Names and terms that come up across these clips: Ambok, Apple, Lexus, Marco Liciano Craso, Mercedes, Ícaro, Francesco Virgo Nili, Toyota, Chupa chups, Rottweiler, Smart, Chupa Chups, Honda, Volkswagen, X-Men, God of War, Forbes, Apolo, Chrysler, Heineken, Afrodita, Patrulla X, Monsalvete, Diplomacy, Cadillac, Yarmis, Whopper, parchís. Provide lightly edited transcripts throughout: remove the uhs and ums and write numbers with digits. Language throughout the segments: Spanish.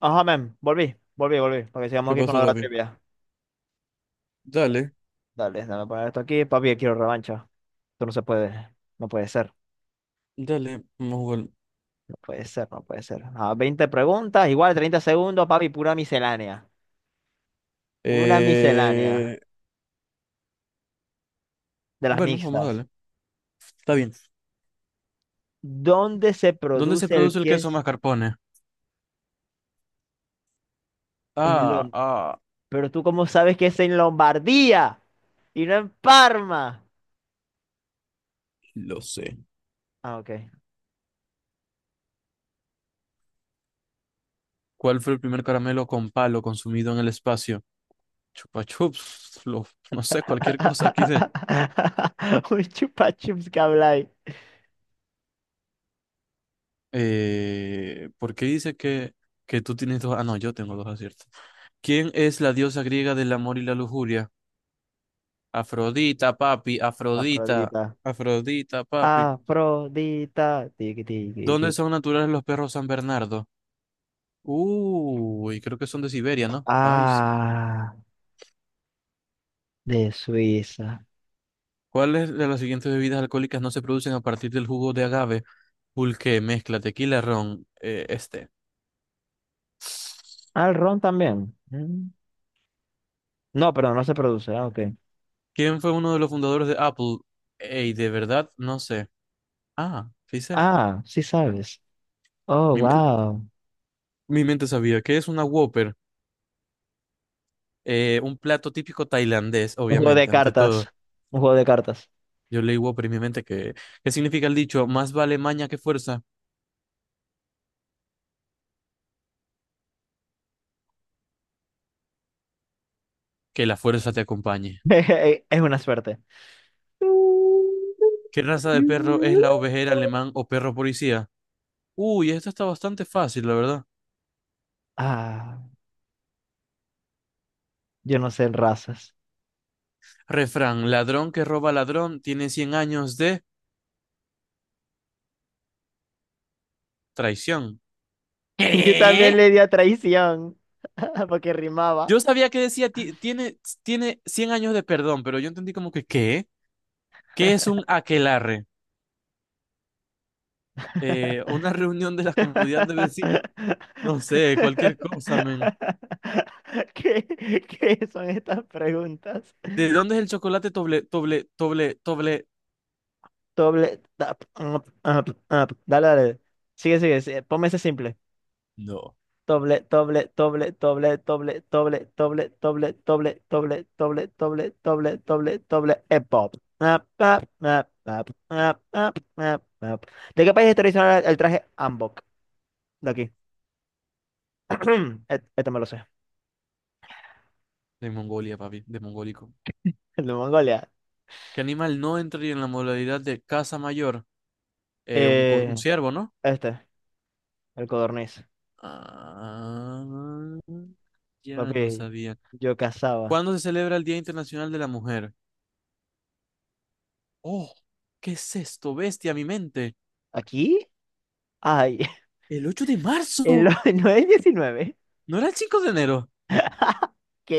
Ajá, men, volví, volví, volví, para que sigamos ¿Qué aquí con la pasó, de la papi? trivia. Dale, Dale, déjame poner esto aquí, papi, quiero revancha. Esto no se puede, no puede ser, dale, vamos a jugar. no puede ser, no puede ser. 20 preguntas, igual 30 segundos, papi, pura miscelánea. Una miscelánea Eh, de las bueno, vamos a mixtas. darle. Está bien. ¿Dónde se ¿Dónde se produce el produce el queso queso mascarpone? en Ah, Lom? ah, Pero tú cómo sabes que es en Lombardía y no en Parma. lo sé. Ok. ¿Cuál fue el primer caramelo con palo consumido en el espacio? Chupa chups, no sé, cualquier cosa aquí de... Un chupa chups que habláis. ¿Por qué dice que tú tienes dos? Ah, no, yo tengo dos aciertos. ¿Quién es la diosa griega del amor y la lujuria? Afrodita, papi, Afrodita, Afrodita. Afrodita, papi. Afrodita, tiki tiki tiki. ¿Dónde son naturales los perros San Bernardo? Uy, creo que son de Siberia, ¿no? Ay, sí. Ah, de Suiza. ¿Cuáles de las siguientes bebidas alcohólicas no se producen a partir del jugo de agave? Pulque, mezcla, tequila, ron, este. El ron también. Mm. No, pero no se produce. Ok. ¿Quién fue uno de los fundadores de Apple? Ey, de verdad, no sé. Ah, sí sé. Sí sabes. Oh, Mi, men- wow. mi mente sabía. ¿Qué es una Whopper? Un plato típico tailandés, Un juego de obviamente, ante cartas. todo. Un juego de cartas. Yo leí Whopper en mi mente que... ¿Qué significa el dicho? Más vale maña que fuerza, que la fuerza te acompañe. Es una suerte. ¿Qué raza de perro es la ovejera alemán o perro policía? Uy, esto está bastante fácil, la verdad. Ah, yo no sé en razas. Refrán, ladrón que roba ladrón tiene 100 años de traición. Yo también ¿Qué? le di a traición porque rimaba. Yo sabía que decía tiene 100 años de perdón, pero yo entendí como que ¿qué? ¿Qué es un aquelarre? Una reunión de la comunidad de vecinos. No sé, cualquier cosa, men. ¿Qué, qué son estas preguntas? ¿De dónde es el chocolate doble, doble, doble, doble? Doble, tap, up, up, up. Dale, dale. Sigue, sigue, sigue. Ponme ese simple. No. Doble, doble, doble, doble, doble, doble, doble, doble, doble, doble, doble, doble, doble, doble, doble, pop. Up, up, up, up, up, up, up, up. ¿De qué país es tradicional el traje Ambok? De aquí. Este, me lo sé. De Mongolia, papi, de mongólico. El de Mongolia. ¿Qué animal no entraría en la modalidad de casa mayor? Un Eh, ciervo, ¿no? este. Al codorniz. Ah, ya no Papi, sabía. yo cazaba. ¿Cuándo se celebra el Día Internacional de la Mujer? Oh, ¿qué es esto? Bestia, mi mente. ¿Aquí? Ay, El 8 de el marzo. 9 diecinueve. ¿No era el 5 de enero?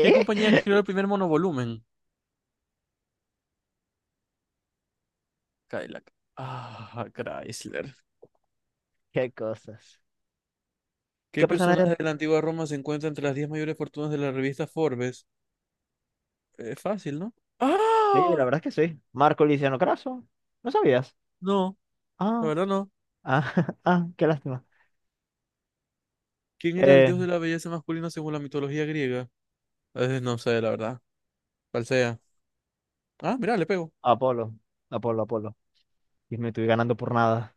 ¿Qué compañía creó el primer monovolumen? Cadillac. Ah, Chrysler. ¿Qué cosas? ¿Qué ¿Qué persona personaje eres? de la antigua Roma se encuentra entre las 10 mayores fortunas de la revista Forbes? Es fácil, ¿no? Sí, la ¡Ah! verdad es que sí. Marco Liciano Craso. ¿No sabías? No, la Ah, verdad no. ah, qué lástima. ¿Quién era el Eh, dios de la belleza masculina según la mitología griega? No sé, la verdad. ¿Cuál sea? Ah, mira, le pego. Apolo. Apolo, Apolo. Y me estoy ganando por nada.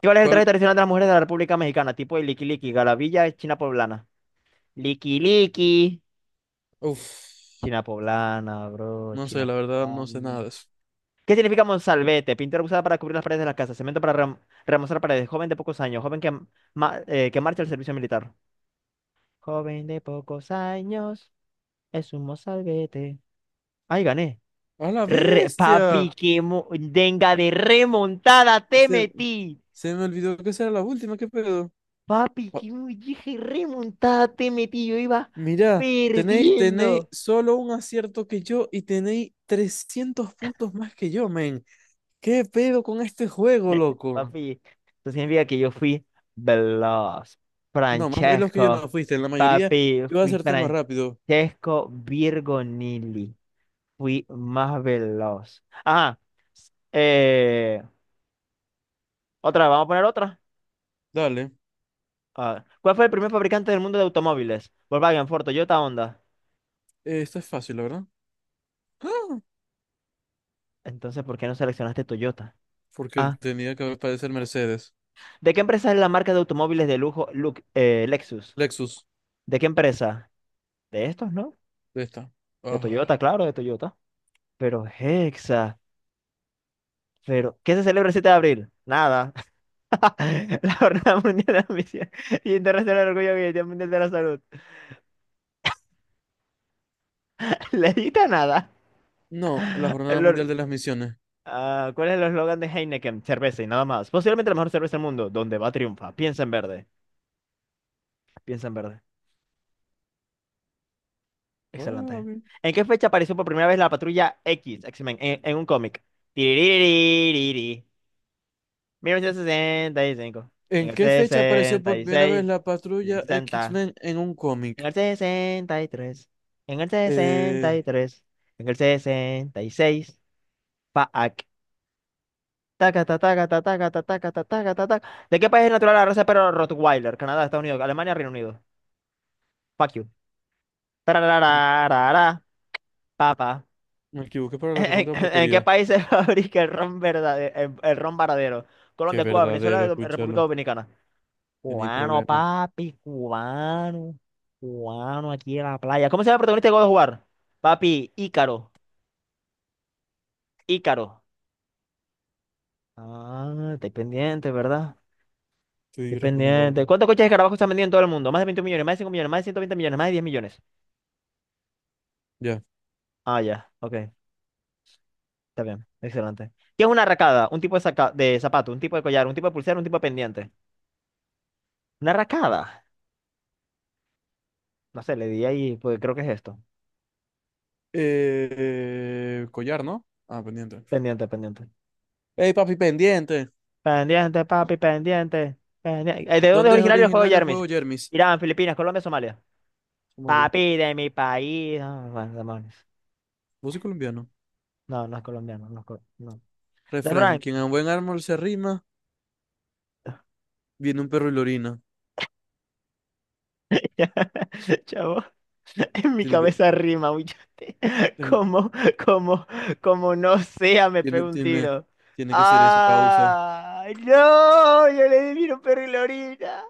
¿Cuál es el traje ¿Cuál? tradicional de las mujeres de la República Mexicana? Tipo de liqui liqui, garabilla, china poblana. Liqui liqui. Uf, China poblana, bro. no sé, China la verdad no sé poblana. nada de eso. ¿Qué significa Monsalvete? Pintura usada para cubrir las paredes de las casas. Cemento para remozar paredes. Joven de pocos años. Joven que, que marcha al servicio militar. Joven de pocos años. Es un Monsalvete. Ay, gané. ¡A la bestia! Papi, que denga de remontada te Se, metí. se me olvidó que esa era la última, ¿qué pedo? Papi, Ah, que dije remontada te metí. Yo iba mira, tenéis perdiendo. solo un acierto que yo y tenéis 300 puntos más que yo, men. ¿Qué pedo con este juego, loco? Papi, eso significa que yo fui veloz. No, más veloz que yo no Francesco, fuiste. En la mayoría papi, yo fui acerté más rápido. Francesco Virgo Nili. Fui más veloz. Eh, otra, vamos a poner otra. Dale, ¿Cuál fue el primer fabricante del mundo de automóviles? Volkswagen, Ford, Toyota, Honda. Esto es fácil, la verdad. ¡Ah! Entonces, ¿por qué no seleccionaste Toyota? Porque Ah, tenía que aparecer Mercedes. ¿De qué empresa es la marca de automóviles de lujo Lexus? Lexus, ¿De qué empresa? De estos, ¿no? de esta. De Ah. Toyota, claro, de Toyota. Pero Hexa. Pero, ¿qué se celebra el 7 de abril? Nada. La Jornada Mundial de la Misión y Internacional del Orgullo Gay, el Día Mundial de la Salud. Le edita nada. No, la Jornada El Mundial or-. de las Misiones. ¿Cuál es el eslogan de Heineken? Cerveza y nada más. Posiblemente la mejor cerveza del mundo. Donde va triunfa. Piensa en verde. Piensa en verde. Ah, Excelente. bien. ¿En qué fecha apareció por primera vez la Patrulla X, X-Men, en un cómic? Tiririririri. 1965. En ¿En el qué fecha apareció por primera vez 66. la patrulla 60. X-Men en un En cómic? el 63, en el Eh, 63, en el 66, Faak. Taca, ta, taca, ta, taca, ta, taca, ta, taca, ta, taca. ¿De qué país es natural la raza de perro Rottweiler? Canadá, Estados Unidos, Alemania, Reino Unido. Fuck you. me Tararararara, papa. me equivoqué para la ¿En, recontra en qué porquería. país se fabrica el ron verdadero, el ron varadero? Qué Colombia, Cuba, Venezuela, verdadero, República escúchalo. Dominicana. Tenéis Cubano, problema. papi, cubano. Cubano aquí en la playa. ¿Cómo se llama el protagonista de God of War? Papi, Ícaro. Ícaro. Estoy pendiente, ¿verdad? Estoy Estoy respondiendo pendiente. algo. ¿Cuántos coches de escarabajo están vendiendo en todo el mundo? Más de 20 millones, más de 5 millones, más de 120 millones, más de 10 millones. Ya. Ya, ok, está bien, excelente. ¿Qué es una racada? Un tipo de, de zapato, un tipo de collar, un tipo de pulsera, un tipo de pendiente. ¿Una racada? No sé, le di ahí, pues creo que es esto. Collar, ¿no? Ah, pendiente. Pendiente, pendiente. ¡Ey, papi, pendiente! Pendiente, papi, pendiente. Pendiente. ¿De dónde es ¿Dónde es originario el juego de originario el juego Yarmis? Jermis? Irán, Filipinas, Colombia, Somalia. Somalia. Papi de mi país. Bueno, demonios. Músico colombiano. No, no es colombiano, no es colombiano. Refrán. Quien a buen árbol se arrima, viene un perro y lo orina. Chavo, en mi Tiene que... cabeza rima, huichote. ten- Como, como, como no sea, me Tiene, pego un tiene, tiro. tiene que ser eso, causa ¡Ah! ¡No! Yo le di un perro y la orina.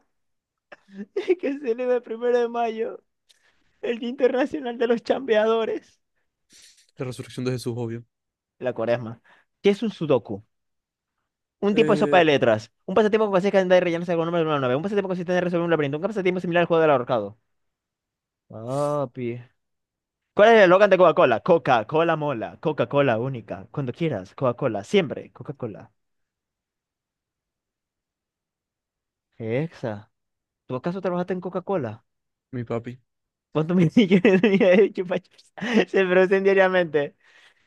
Que se celebra el 1 de mayo, el Día Internacional de los Chambeadores. la resurrección de Jesús, obvio. La cuaresma. ¿Qué es un sudoku? Un tipo de sopa de Eh, letras. Un pasatiempo que consiste en andar y rellenarse con números de una nave. Un pasatiempo que consiste en resolver un laberinto. Un pasatiempo similar al juego del ahorcado. Papi. ¿Cuál es el eslogan de Coca-Cola? Coca-Cola mola, Coca-Cola única, cuando quieras, Coca-Cola, siempre, Coca-Cola. Exa, ¿tú acaso trabajaste en Coca-Cola? mi papi. ¿Cuántos millones tenía de Chupa Chups? Se producen diariamente.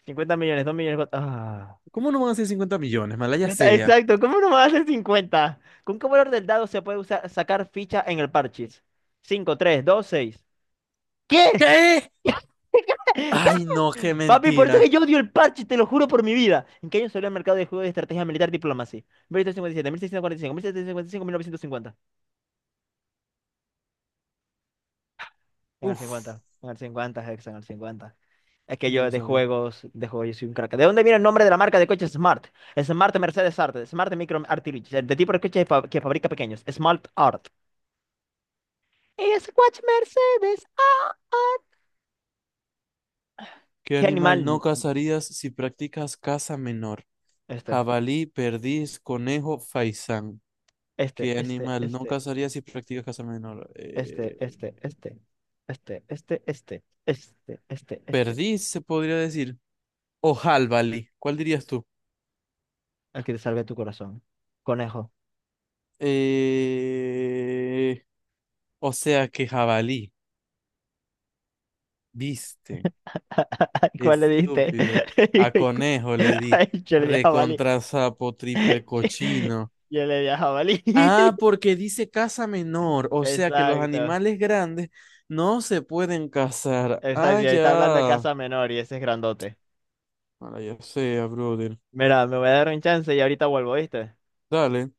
50 millones, 2 millones. ¿Cómo no van a ser 50 millones? Malaya Ya está, sea. exacto, ¿cómo no va a ser 50? ¿Con qué valor del dado se puede usar, sacar ficha en el parchís? 5, 3, 2, 6. ¿Qué? ¿Qué? Ay, no, qué Papi, por eso es que mentira. yo odio el parche, te lo juro por mi vida. ¿En qué año salió al mercado de juegos de estrategia militar Diplomacy? 1857, 1645, 1755, 1950. ¿En el Uf, 50? En el 50, Hex, en el 50. Es que ni yo lo sabía. De juegos, yo soy un crack. ¿De dónde viene el nombre de la marca de coches Smart? Smart Mercedes Art, Smart Micro Artillery, de tipo de coche que fabrica pequeños, Smart Art. Es watch Mercedes Art. ¿Qué ¿Qué animal no animal? cazarías si practicas caza menor? Este, Jabalí, perdiz, conejo, faisán. este, ¿Qué este, animal no este. cazarías si practicas caza menor? Este, este, este, este, Perdiz, se podría decir. O jabalí. ¿Cuál dirías tú? Al que te salve tu corazón. Conejo. Eh, o sea que jabalí. Viste, ¿Cuál le diste? estúpido. A conejo le di. Ay, yo le di a jabalí. Recontra sapo, triple cochino. Yo le di a jabalí. Ah, porque dice casa menor, o sea que los Exacto. animales grandes no se pueden cazar. Exacto. Ah, Y ahorita hablando de ya. casa menor y ese es grandote. Ahora ya sea, brother. Mira, me voy a dar un chance y ahorita vuelvo, ¿viste? Dale.